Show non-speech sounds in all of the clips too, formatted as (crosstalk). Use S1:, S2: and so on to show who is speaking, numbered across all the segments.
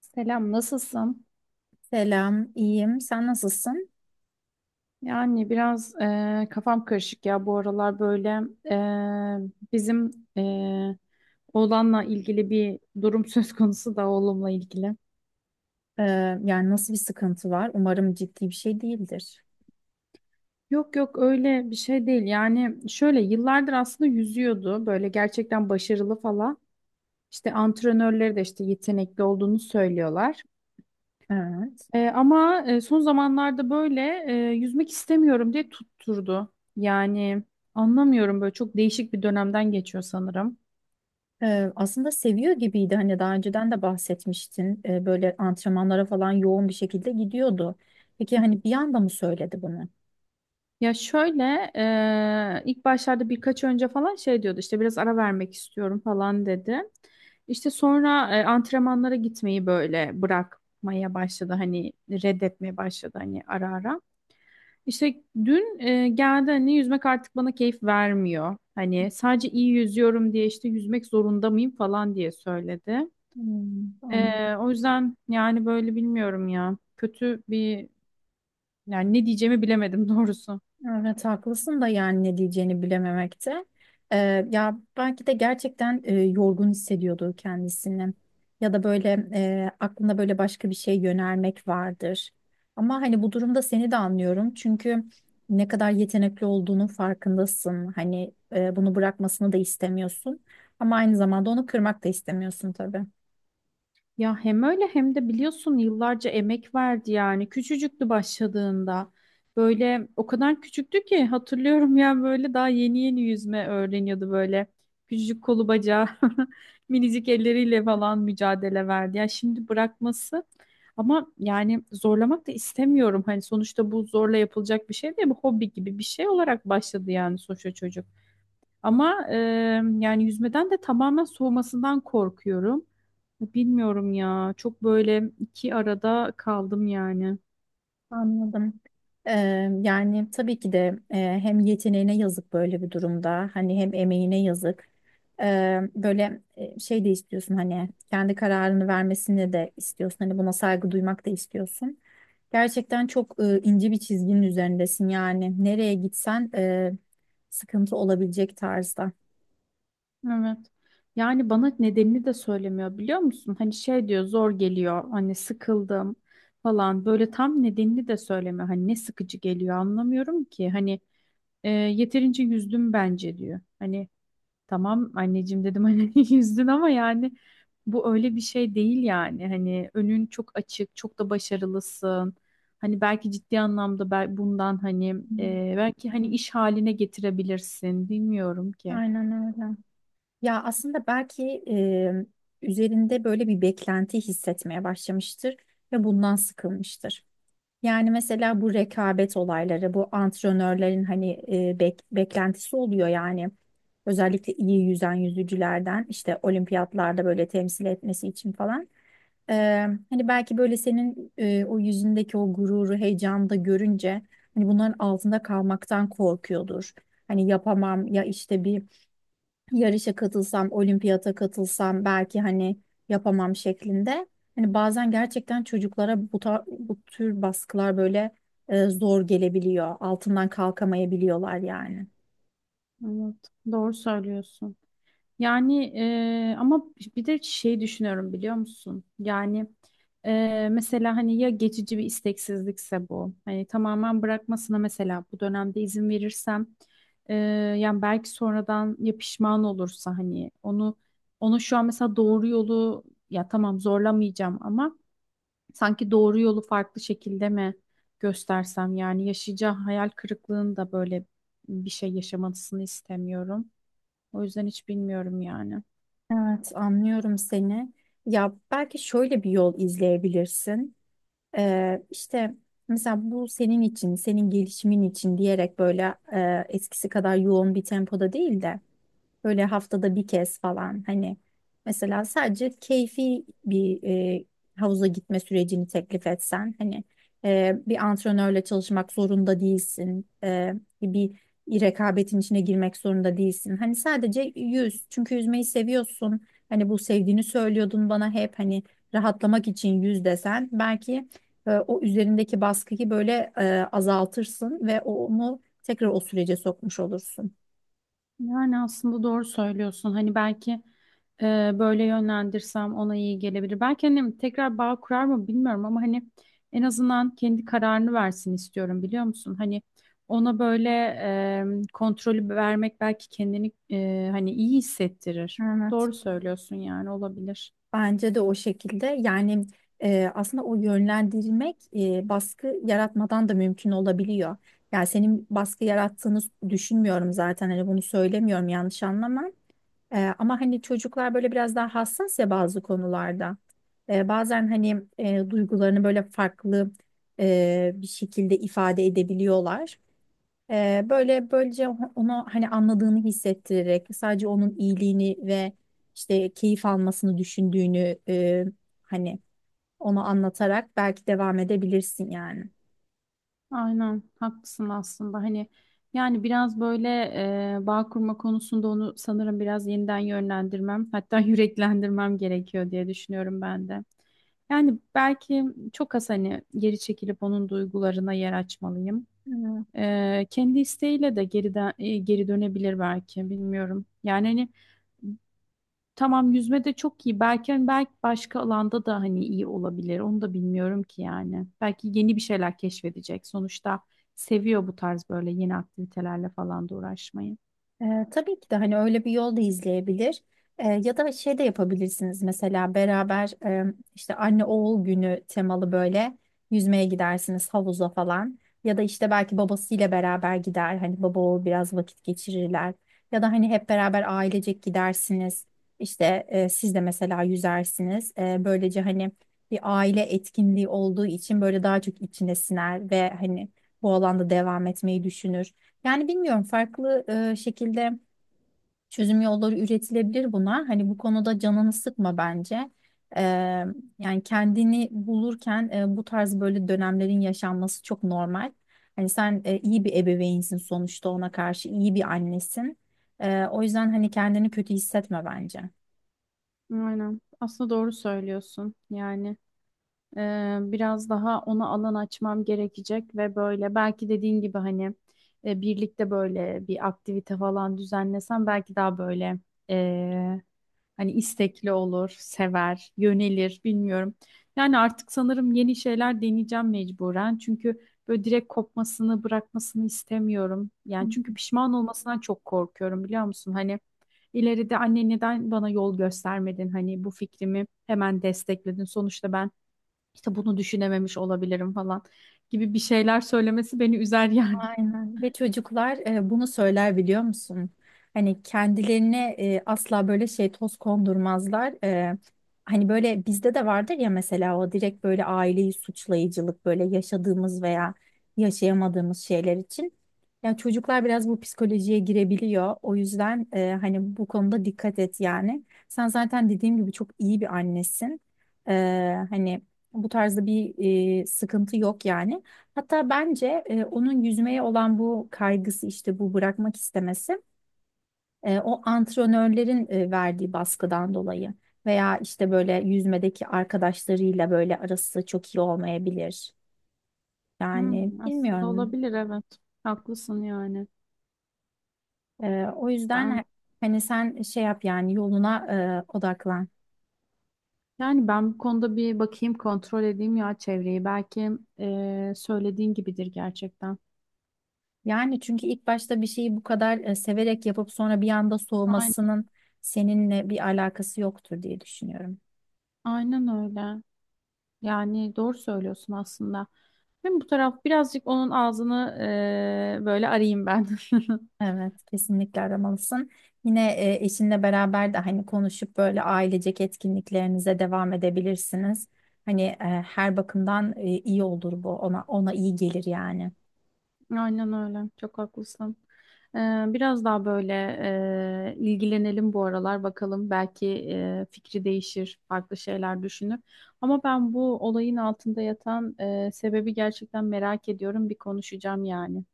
S1: Selam, nasılsın?
S2: Selam, iyiyim. Sen nasılsın?
S1: Yani biraz kafam karışık ya bu aralar böyle, bizim eee oğlanla ilgili bir durum (laughs) söz konusu da oğlumla ilgili.
S2: Ee, Yani nasıl bir sıkıntı var? Umarım ciddi bir şey değildir.
S1: Yok yok öyle bir şey değil yani şöyle yıllardır aslında yüzüyordu böyle gerçekten başarılı falan. İşte antrenörleri de işte yetenekli olduğunu söylüyorlar.
S2: Evet.
S1: Ama son zamanlarda böyle, yüzmek istemiyorum diye tutturdu. Yani anlamıyorum böyle çok değişik bir dönemden geçiyor sanırım.
S2: Aslında seviyor gibiydi. Hani daha önceden de bahsetmiştin. Böyle antrenmanlara falan yoğun bir şekilde gidiyordu. Peki hani bir anda mı söyledi bunu?
S1: Ya şöyle, ilk başlarda birkaç önce falan şey diyordu işte biraz ara vermek istiyorum falan dedi. İşte sonra antrenmanlara gitmeyi böyle bırakmaya başladı hani reddetmeye başladı hani ara ara. İşte dün geldi hani yüzmek artık bana keyif vermiyor. Hani sadece iyi yüzüyorum diye işte yüzmek zorunda mıyım falan diye söyledi.
S2: Hmm, anladım.
S1: O yüzden yani böyle bilmiyorum ya kötü bir yani ne diyeceğimi bilemedim (laughs) doğrusu.
S2: Evet haklısın da yani ne diyeceğini bilememekte. Ee, Ya belki de gerçekten yorgun hissediyordu kendisini. Ya da böyle aklında böyle başka bir şey yönelmek vardır. Ama hani bu durumda seni de anlıyorum. Çünkü ne kadar yetenekli olduğunun farkındasın. Hani bunu bırakmasını da istemiyorsun. Ama aynı zamanda onu kırmak da istemiyorsun tabii.
S1: Ya hem öyle hem de biliyorsun yıllarca emek verdi yani. Küçücüktü başladığında. Böyle o kadar küçüktü ki hatırlıyorum, (laughs) yani böyle daha yeni yeni yüzme öğreniyordu böyle. Küçücük kolu bacağı, (laughs) minicik elleriyle falan mücadele verdi. Ya şimdi bırakması, ama yani zorlamak da istemiyorum. Hani sonuçta bu zorla yapılacak bir şey değil, bu hobi gibi bir şey olarak başladı yani sonuçta çocuk. Ama yani yüzmeden de tamamen soğumasından korkuyorum. Bilmiyorum ya. Çok böyle iki arada kaldım yani.
S2: Anladım. Yani tabii ki de hem yeteneğine yazık böyle bir durumda hani hem emeğine yazık. Böyle şey de istiyorsun hani kendi kararını vermesini de istiyorsun hani buna saygı duymak da istiyorsun. Gerçekten çok ince bir çizginin üzerindesin yani nereye gitsen sıkıntı olabilecek tarzda.
S1: Evet. Yani bana nedenini de söylemiyor, biliyor musun? Hani şey diyor zor geliyor. Hani sıkıldım falan. Böyle tam nedenini de söylemiyor. Hani ne sıkıcı geliyor anlamıyorum ki. Hani yeterince yüzdüm bence diyor. Hani tamam anneciğim dedim hani, (laughs) yüzdün ama yani bu öyle bir şey değil yani. Hani önün çok açık, çok da başarılısın. Hani belki ciddi anlamda bundan hani
S2: Hmm.
S1: belki hani iş haline getirebilirsin. Bilmiyorum ki.
S2: Aynen öyle. Ya aslında belki üzerinde böyle bir beklenti hissetmeye başlamıştır ve bundan sıkılmıştır. Yani mesela bu rekabet olayları, bu antrenörlerin hani beklentisi oluyor yani. Özellikle iyi yüzen yüzücülerden işte olimpiyatlarda böyle temsil etmesi için falan. Ee, Hani belki böyle senin o yüzündeki o gururu, heyecanı da görünce hani bunların altında kalmaktan korkuyordur. Hani yapamam ya işte bir yarışa katılsam, olimpiyata katılsam belki hani yapamam şeklinde. Hani bazen gerçekten çocuklara bu tür baskılar böyle zor gelebiliyor. Altından kalkamayabiliyorlar yani.
S1: Evet, doğru söylüyorsun. Yani, ama bir de şey düşünüyorum biliyor musun? Yani, mesela hani ya geçici bir isteksizlikse bu. Hani tamamen bırakmasına mesela bu dönemde izin verirsem eee, yani belki sonradan ya pişman olursa hani onu şu an mesela doğru yolu, ya tamam zorlamayacağım ama sanki doğru yolu farklı şekilde mi göstersem, yani yaşayacağı hayal kırıklığını da böyle bir şey yaşamasını istemiyorum. O yüzden hiç bilmiyorum yani.
S2: Evet, anlıyorum seni. Ya belki şöyle bir yol izleyebilirsin. İşte mesela bu senin için, senin gelişimin için diyerek böyle eskisi kadar yoğun bir tempoda değil de böyle haftada bir kez falan hani mesela sadece keyfi bir e, havuza gitme sürecini teklif etsen hani bir antrenörle çalışmak zorunda değilsin. Bir rekabetin içine girmek zorunda değilsin. Hani sadece yüz çünkü yüzmeyi seviyorsun. Hani bu sevdiğini söylüyordun bana hep hani rahatlamak için yüz desen belki o üzerindeki baskıyı böyle azaltırsın ve onu tekrar o sürece sokmuş olursun.
S1: Yani aslında doğru söylüyorsun. Hani belki e, böyle yönlendirsem ona iyi gelebilir. Belki annem tekrar bağ kurar mı bilmiyorum, ama hani en azından kendi kararını versin istiyorum, biliyor musun? Hani ona böyle kontrolü vermek belki kendini hani iyi hissettirir. Doğru söylüyorsun yani olabilir.
S2: Bence de o şekilde. Yani aslında o yönlendirmek baskı yaratmadan da mümkün olabiliyor. Yani senin baskı yarattığını düşünmüyorum zaten. Hani bunu söylemiyorum, yanlış anlama. Ama hani çocuklar böyle biraz daha hassas ya bazı konularda. Bazen hani duygularını böyle farklı bir şekilde ifade edebiliyorlar. Böyle böylece ona hani anladığını hissettirerek sadece onun iyiliğini ve işte keyif almasını düşündüğünü hani ona anlatarak belki devam edebilirsin yani.
S1: Aynen haklısın aslında hani yani biraz böyle bağ kurma konusunda onu sanırım biraz yeniden yönlendirmem, hatta (laughs) yüreklendirmem gerekiyor diye düşünüyorum ben de. Yani belki çok az hani geri çekilip onun duygularına yer açmalıyım.
S2: Hmm.
S1: Kendi isteğiyle de geriden, geri dönebilir belki, bilmiyorum. Yani hani tamam, yüzme de çok iyi. Belki hani belki başka alanda da hani iyi olabilir. Onu da bilmiyorum ki yani. Belki yeni bir şeyler keşfedecek. Sonuçta seviyor bu tarz böyle yeni aktivitelerle falan da uğraşmayı.
S2: Tabii ki de hani öyle bir yol da izleyebilir. Ya da şey de yapabilirsiniz mesela beraber işte anne oğul günü temalı böyle yüzmeye gidersiniz havuza falan. Ya da işte belki babasıyla beraber gider hani baba oğul biraz vakit geçirirler. Ya da hani hep beraber ailecek gidersiniz. İşte siz de mesela yüzersiniz. Böylece hani bir aile etkinliği olduğu için böyle daha çok içine siner ve hani bu alanda devam etmeyi düşünür. Yani bilmiyorum, farklı şekilde çözüm yolları üretilebilir buna. Hani bu konuda canını sıkma bence. E, Yani kendini bulurken bu tarz böyle dönemlerin yaşanması çok normal. Hani sen iyi bir ebeveynsin sonuçta, ona karşı iyi bir annesin. O yüzden hani kendini kötü hissetme bence.
S1: Aynen. Aslında doğru söylüyorsun. Yani, biraz daha ona alan açmam gerekecek ve böyle belki dediğin gibi hani, birlikte böyle bir aktivite falan düzenlesem belki daha böyle hani istekli olur, sever, yönelir, bilmiyorum. Yani artık sanırım yeni şeyler deneyeceğim mecburen. Çünkü böyle direkt kopmasını, bırakmasını istemiyorum.
S2: Hı.
S1: Yani çünkü pişman olmasından çok korkuyorum, biliyor musun? Hani ileride anne neden bana yol göstermedin? Hani bu fikrimi hemen destekledin. Sonuçta ben işte bunu düşünememiş olabilirim falan gibi bir şeyler söylemesi beni üzer yani.
S2: Aynen. Ve çocuklar bunu söyler biliyor musun? Hani kendilerine asla böyle şey toz kondurmazlar. Hani böyle bizde de vardır ya, mesela o direkt böyle aileyi suçlayıcılık böyle yaşadığımız veya yaşayamadığımız şeyler için. Ya çocuklar biraz bu psikolojiye girebiliyor. O yüzden hani bu konuda dikkat et yani. Sen zaten dediğim gibi çok iyi bir annesin. E, Hani bu tarzda bir sıkıntı yok yani. Hatta bence onun yüzmeye olan bu kaygısı, işte bu bırakmak istemesi o antrenörlerin verdiği baskıdan dolayı veya işte böyle yüzmedeki arkadaşlarıyla böyle arası çok iyi olmayabilir. Yani
S1: Hmm, aslında
S2: bilmiyorum.
S1: olabilir, evet. Haklısın yani.
S2: E, o yüzden
S1: Ben,
S2: he- Hani sen şey yap yani yoluna odaklan.
S1: yani ben bu konuda bir bakayım, kontrol edeyim ya çevreyi. Belki söylediğin gibidir gerçekten.
S2: Yani çünkü ilk başta bir şeyi bu kadar severek yapıp sonra bir anda
S1: Aynen,
S2: soğumasının seninle bir alakası yoktur diye düşünüyorum.
S1: aynen öyle. Yani doğru söylüyorsun aslında. Hem bu taraf birazcık onun ağzını böyle arayayım ben. (laughs)
S2: Evet, kesinlikle aramalısın. Yine eşinle beraber de hani konuşup böyle ailecek etkinliklerinize devam edebilirsiniz. Hani her bakımdan iyi olur bu. Ona iyi gelir yani.
S1: Aynen öyle. Çok haklısın. Ee, Biraz daha böyle ilgilenelim bu aralar bakalım. Belki fikri değişir, farklı şeyler düşünür. Ama ben bu olayın altında yatan sebebi gerçekten merak ediyorum. Bir konuşacağım yani.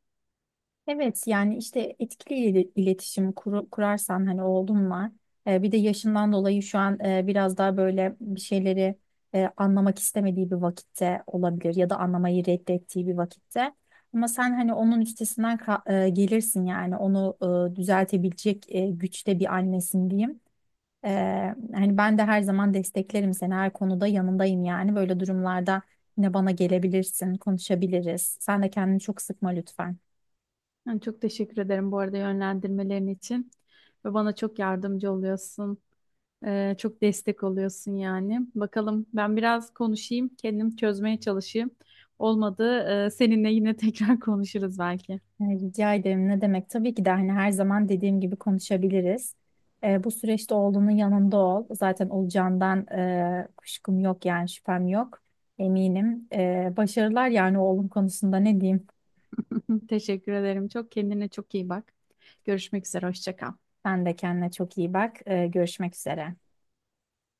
S2: Evet yani işte kurarsan hani oğlum var. Bir de yaşından dolayı şu an biraz daha böyle bir şeyleri anlamak istemediği bir vakitte olabilir ya da anlamayı reddettiği bir vakitte. Ama sen hani onun üstesinden ka- e, gelirsin yani onu düzeltebilecek güçte bir annesin diyeyim. Hani ben de her zaman desteklerim seni, her konuda yanındayım yani böyle durumlarda yine bana gelebilirsin, konuşabiliriz. Sen de kendini çok sıkma lütfen.
S1: Yani çok teşekkür ederim bu arada yönlendirmelerin için. Ve bana çok yardımcı oluyorsun. Çok destek oluyorsun yani. Bakalım ben biraz konuşayım, kendim çözmeye çalışayım. Olmadı seninle yine tekrar (laughs) konuşuruz belki.
S2: Rica ederim. Ne demek? Tabii ki de hani her zaman dediğim gibi konuşabiliriz. Bu süreçte oğlunun yanında ol. Zaten olacağından kuşkum yok yani, şüphem yok. Eminim. Başarılar yani oğlum konusunda, ne diyeyim?
S1: (laughs) Teşekkür ederim. Çok kendine çok iyi bak. Görüşmek üzere. Hoşça kal.
S2: Sen de kendine çok iyi bak. Görüşmek üzere.